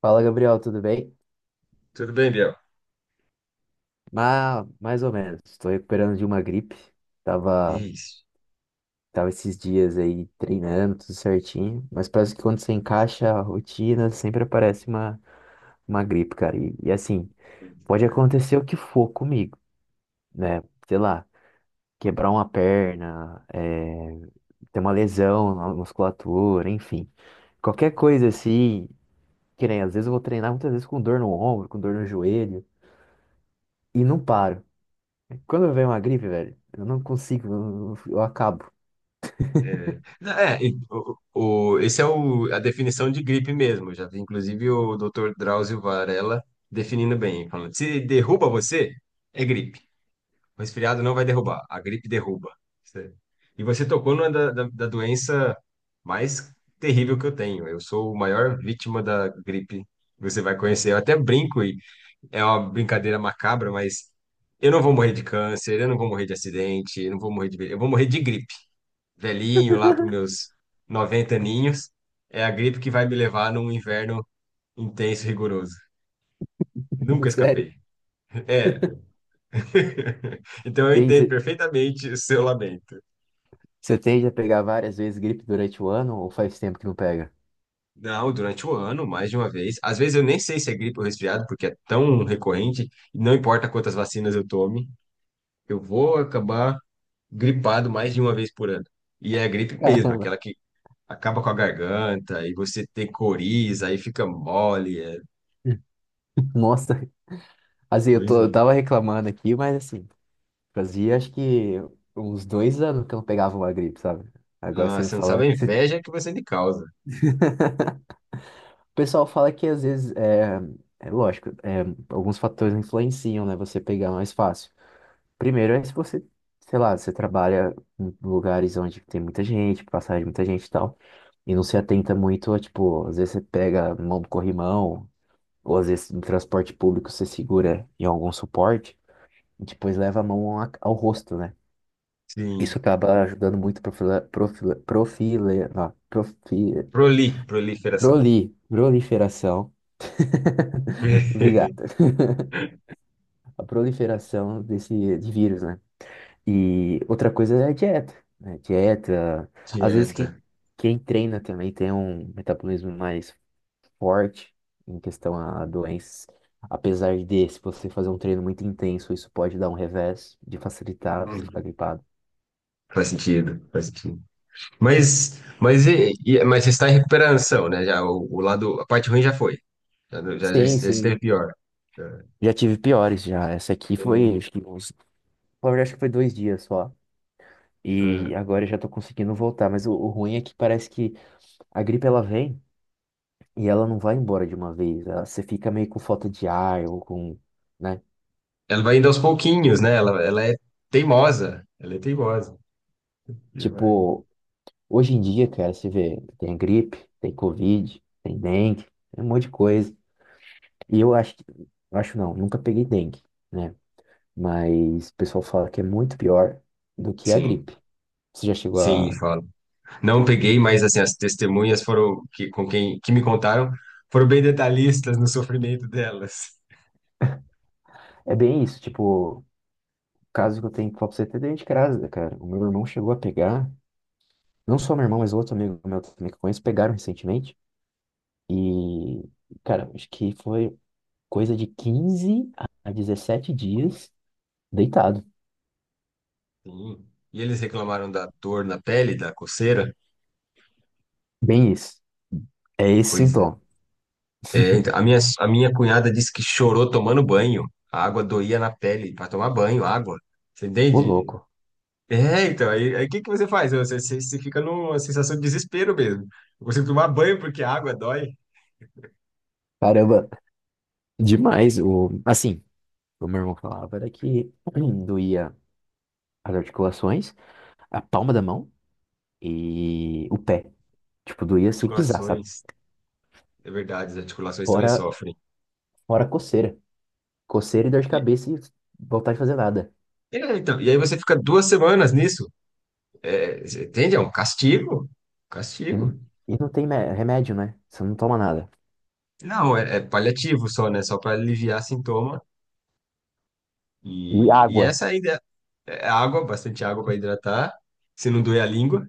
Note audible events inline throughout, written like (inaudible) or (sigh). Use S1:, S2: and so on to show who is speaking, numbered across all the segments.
S1: Fala, Gabriel, tudo bem?
S2: Tudo bem, Biel?
S1: Mais ou menos. Estou recuperando de uma gripe. Tava,
S2: Isso.
S1: tava esses dias aí treinando, tudo certinho. Mas parece que quando você encaixa a rotina, sempre aparece uma gripe, cara. E assim, pode
S2: Tá.
S1: acontecer o que for comigo, né? Sei lá, quebrar uma perna, ter uma lesão na musculatura, enfim. Qualquer coisa assim, que nem, às vezes eu vou treinar muitas vezes com dor no ombro, com dor no joelho, e não paro. Quando vem uma gripe, velho, eu não consigo, eu acabo.
S2: É, não, é, e o- esse é o, a definição de gripe mesmo. Eu já vi, inclusive, o Dr. Drauzio Varella definindo bem, falando, se derruba você, é gripe. O resfriado não vai derrubar, a gripe derruba. Cê- E você tocou numa da doença mais terrível que eu tenho. Eu sou o maior vítima da gripe que você vai conhecer. Eu até brinco, é uma brincadeira macabra, mas eu não vou morrer de câncer, eu não vou morrer de acidente, eu não vou morrer de. Ve- eu vou morrer de gripe. Velhinho, lá para
S1: (laughs)
S2: meus 90 aninhos, é a gripe que vai me levar num inverno intenso e rigoroso. Nunca
S1: Sério.
S2: escapei. É. (laughs) Então eu
S1: Tem,
S2: entendo
S1: você
S2: perfeitamente o seu lamento.
S1: você tende a pegar várias vezes gripe durante o ano ou faz tempo que não pega?
S2: Não, durante o ano, mais de uma vez. Às vezes eu nem sei se é gripe ou resfriado, porque é tão recorrente, e não importa quantas vacinas eu tome, eu vou acabar gripado mais de uma vez por ano. E é a gripe mesmo,
S1: Caramba.
S2: aquela que acaba com a garganta, e você tem coriza, aí fica mole. É...
S1: Nossa, assim, eu,
S2: Pois
S1: tô, eu
S2: é.
S1: tava reclamando aqui, mas assim, fazia acho que uns 2 anos que eu não pegava uma gripe, sabe? Agora você
S2: Nossa,
S1: me
S2: você não sabe
S1: falando.
S2: a inveja que você me causa.
S1: O pessoal fala que às vezes, é, é lógico, é, alguns fatores influenciam, né? Você pegar mais fácil. Primeiro é se você, sei lá, você trabalha em lugares onde tem muita gente, passagem de muita gente e tal, e não se atenta muito, tipo, às vezes você pega mão do corrimão, ou às vezes no transporte público você segura em algum suporte e depois leva a mão ao rosto, né?
S2: Sim.
S1: Isso acaba ajudando muito não,
S2: Proli, proliferação.
S1: proliferação. (laughs) Obrigado.
S2: (laughs)
S1: A proliferação desse de vírus, né? E outra coisa é a dieta, né? Dieta. Às vezes quem,
S2: Dieta.
S1: quem treina também tem um metabolismo mais forte em questão a doenças. Apesar de, se você fazer um treino muito intenso, isso pode dar um revés de facilitar você ficar
S2: Hum,
S1: gripado.
S2: Faz sentido, faz sentido. Mas você está em recuperação, né? Já, o lado, a parte ruim já foi. Já, já,
S1: Sim,
S2: já esteve
S1: sim.
S2: pior. É.
S1: Já tive piores já. Essa aqui
S2: É.
S1: foi, acho que uns, na verdade, acho que foi 2 dias só. E
S2: É.
S1: agora eu já tô conseguindo voltar. Mas o ruim é que parece que a gripe ela vem e ela não vai embora de uma vez. Ela- você fica meio com falta de ar ou com, né?
S2: Ela vai indo aos pouquinhos, né? Ela é teimosa. Ela é teimosa. E vai-
S1: Tipo, hoje em dia, cara, você vê, tem gripe, tem Covid, tem dengue, tem um monte de coisa. E eu acho que, eu acho não, nunca peguei dengue, né? Mas o pessoal fala que é muito pior do que a
S2: Sim,
S1: gripe. Você já chegou
S2: sim,
S1: a.
S2: fala. Não peguei, mas assim, as testemunhas foram que com quem que me contaram foram bem detalhistas no sofrimento delas.
S1: É bem isso, tipo, o caso que eu tenho que falar pra você é até dentro de casa, cara. O meu irmão chegou a pegar, não só meu irmão, mas outro amigo meu também que eu conheço, pegaram recentemente. E, cara, acho que foi coisa de quinze a 17 dias deitado.
S2: Sim. E eles reclamaram da dor na pele, da coceira.
S1: Bem isso. É esse
S2: Pois é.
S1: sintoma.
S2: É, então, a minha cunhada disse que chorou tomando banho. A água doía na pele para tomar banho, água. Você
S1: Ô,
S2: entende?
S1: louco.
S2: É, então, aí o que que você faz? Você fica numa sensação de desespero mesmo. Eu consigo tomar banho porque a água dói.
S1: Caramba, demais. O, assim, o meu irmão falava era que (clears throat) doía as articulações, a palma da mão e o pé. Tipo, doía sem pisar, sabe?
S2: Articulações, é verdade, as articulações também
S1: Fora,
S2: sofrem.
S1: fora coceira. Coceira e dor de
S2: E,
S1: cabeça e vontade de fazer nada.
S2: é, então, e aí você fica 2 semanas nisso. É, você entende? É um castigo.
S1: E não,
S2: Castigo.
S1: e não tem remédio, né? Você não toma nada.
S2: Não, é paliativo só, né? Só para aliviar sintoma.
S1: E
S2: E
S1: água.
S2: essa ainda é água, bastante água para hidratar, se não doer a língua.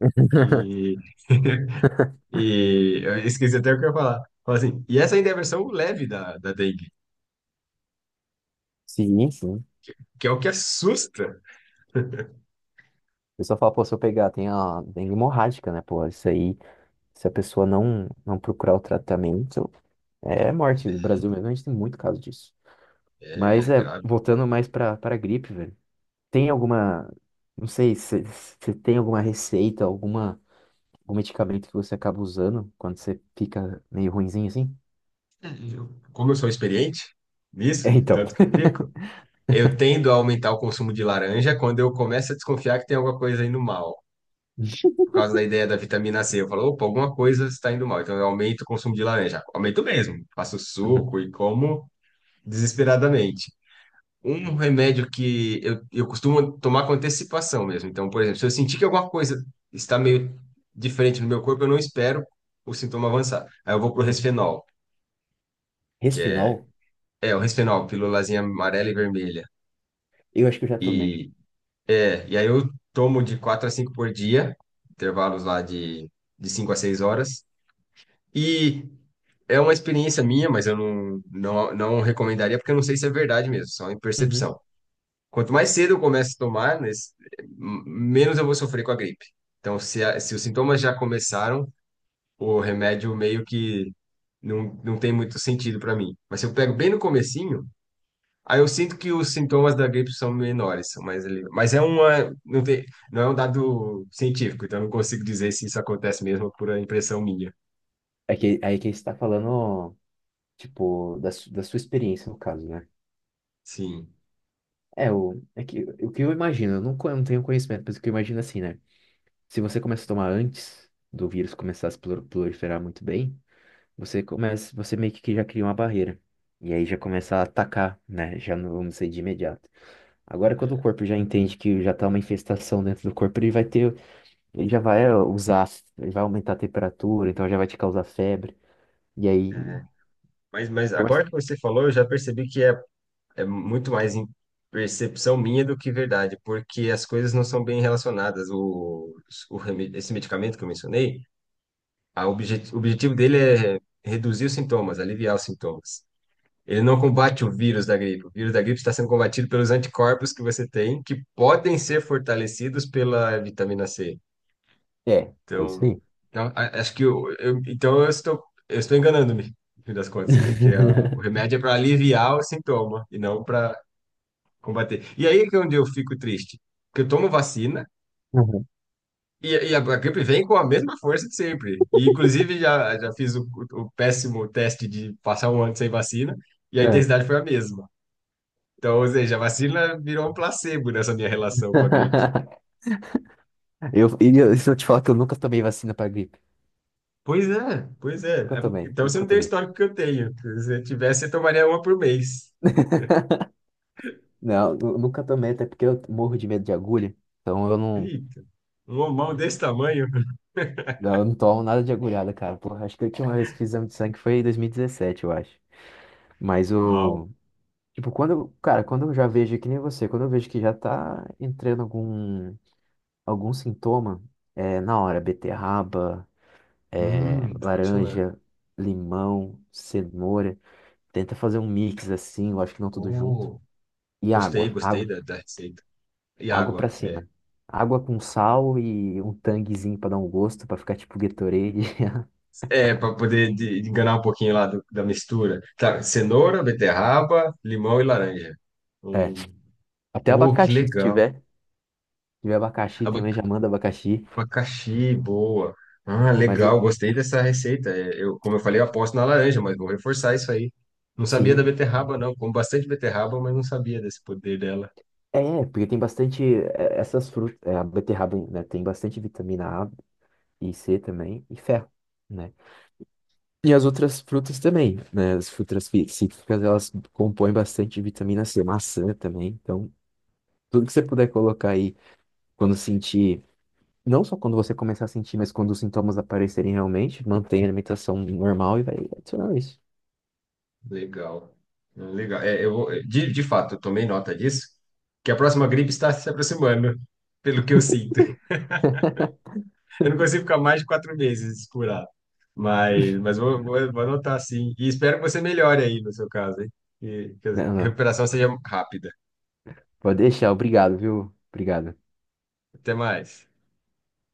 S1: (laughs)
S2: E (laughs) E eu esqueci até o que eu ia falar. Fala assim, e essa ainda é a versão leve da dengue,
S1: Sim, sim. O
S2: que é o que assusta.
S1: pessoal fala, pô, se eu pegar, tem a dengue hemorrágica, né, pô? Isso aí, se a pessoa não, não procurar o tratamento, é morte no Brasil mesmo, a gente tem muito caso disso. Mas
S2: É
S1: é,
S2: grave.
S1: voltando mais pra gripe, velho. Tem alguma, não sei, se tem alguma receita, alguma, algum medicamento que você acaba usando quando você fica meio ruinzinho assim?
S2: É, eu- como eu sou experiente
S1: É,
S2: nisso, de
S1: então.
S2: tanto que eu fico,
S1: (laughs)
S2: eu tendo a aumentar o consumo de laranja quando eu começo a desconfiar que tem alguma coisa indo mal. Por causa da ideia da vitamina C. Eu falo, opa, alguma coisa está indo mal. Então eu aumento o consumo de laranja. Aumento mesmo. Faço
S1: Uhum.
S2: suco e como desesperadamente. Um remédio que eu costumo tomar com antecipação mesmo. Então, por exemplo, se eu sentir que alguma coisa está meio diferente no meu corpo, eu não espero o sintoma avançar. Aí eu vou pro
S1: Uhum.
S2: Resfenol, que é,
S1: Resfinol,
S2: é o Resfenol, pílulazinha amarela e vermelha.
S1: eu acho que eu já tomei.
S2: E, é, e aí eu tomo de 4 a 5 por dia, intervalos lá de 5 a 6 horas. E é uma experiência minha, mas eu não recomendaria, porque eu não sei se é verdade mesmo, só em
S1: Uhum.
S2: percepção. Quanto mais cedo eu começo a tomar, né, menos eu vou sofrer com a gripe. Então, se os sintomas já começaram, o remédio meio que não tem muito sentido para mim. Mas se eu pego bem no comecinho, aí eu sinto que os sintomas da gripe são menores, são mais ali. Mas é uma, não tem, não é um dado científico, então eu não consigo dizer se isso acontece mesmo por a impressão minha.
S1: É que, aí que você tá falando, tipo, da sua experiência no caso, né?
S2: Sim.
S1: É, o, é que, o que eu imagino, eu não tenho conhecimento, mas o que eu imagino assim, né? Se você começa a tomar antes do vírus começar a se proliferar muito bem, você começa, você meio que já cria uma barreira. E aí já começa a atacar, né? Já não vamos ser de imediato. Agora, quando o
S2: É,
S1: corpo já entende que já tá uma infestação dentro do corpo, ele vai ter, ele já vai ó, usar, ele vai aumentar a temperatura, então já vai te causar febre. E aí.
S2: é. Mas
S1: por
S2: agora
S1: mais-
S2: que você falou, eu já percebi que é muito mais em percepção minha do que verdade, porque as coisas não são bem relacionadas. Esse medicamento que eu mencionei, o objetivo dele é reduzir os sintomas, aliviar os sintomas. Ele não combate o vírus da gripe. O vírus da gripe está sendo combatido pelos anticorpos que você tem, que podem ser fortalecidos pela vitamina C.
S1: É, é isso
S2: Então,
S1: aí.
S2: então, acho que então eu estou enganando-me, no fim das contas, porque o
S1: (laughs)
S2: remédio é para aliviar o sintoma e não para combater. E aí que é onde eu fico triste, porque eu tomo vacina
S1: Uhum.
S2: e a gripe vem com a mesma força de sempre. E inclusive já fiz o péssimo teste de passar 1 ano sem vacina e a
S1: É.
S2: intensidade foi a mesma. Então, ou seja, a vacina virou um placebo nessa minha relação com a gripe.
S1: (laughs) Eu, e eu- se eu te falar que eu nunca tomei vacina pra gripe.
S2: Pois é, pois é.
S1: Nunca
S2: É porque-
S1: tomei,
S2: então você
S1: nunca
S2: não tem o
S1: tomei.
S2: histórico que eu tenho. Se você tivesse, você tomaria 1 por mês.
S1: Não, nunca tomei, até porque eu morro de medo de agulha. Então eu não,
S2: Eita, um homão desse tamanho.
S1: não, eu não tomo nada de agulhada, cara. Porra, acho que a última vez que fiz exame de sangue foi em 2017, eu acho. Mas
S2: Uau.
S1: o. Tipo, cara, quando eu já vejo que nem você, quando eu vejo que já tá entrando algum, algum sintoma, é na hora, beterraba, é,
S2: Pode funcionar.
S1: laranja, limão, cenoura. Tenta fazer um mix assim, eu acho que não tudo junto.
S2: Oh,
S1: E
S2: gostei,
S1: água
S2: gostei
S1: água.
S2: da receita. E
S1: Água pra
S2: água. É.
S1: cima. Água com sal e um tanguezinho pra dar um gosto, pra ficar tipo Gatorade. (laughs)
S2: É, para poder de enganar um pouquinho lá da mistura. Tá, cenoura, beterraba, limão e laranja.
S1: É.
S2: Hum.
S1: Até
S2: Oh, que
S1: abacaxi, se
S2: legal.
S1: tiver. Se tiver abacaxi
S2: Aba-
S1: também, já manda abacaxi.
S2: Abacaxi, boa. Ah,
S1: Mas
S2: legal,
S1: eu,
S2: gostei dessa receita. É, eu, como eu falei, eu aposto na laranja, mas vou reforçar isso aí. Não sabia da
S1: sim.
S2: beterraba, não. Como bastante beterraba, mas não sabia desse poder dela.
S1: É, porque tem bastante é, essas frutas. É, a beterraba, né? Tem bastante vitamina A e C também, e ferro, né? E as outras frutas também, né? As frutas cítricas, elas compõem bastante vitamina C, maçã também. Então, tudo que você puder colocar aí quando sentir. Não só quando você começar a sentir, mas quando os sintomas aparecerem realmente, mantenha a alimentação normal e vai adicionar isso.
S2: Legal. Legal. É, eu vou, de fato, eu tomei nota disso, que a próxima gripe está se aproximando, pelo que eu sinto. Eu não consigo ficar mais de 4 meses curado. Mas vou anotar sim. E espero que você melhore aí no seu caso, hein? Que
S1: Não,
S2: a
S1: não.
S2: recuperação seja rápida.
S1: Pode deixar, obrigado, viu? Obrigado.
S2: Até mais.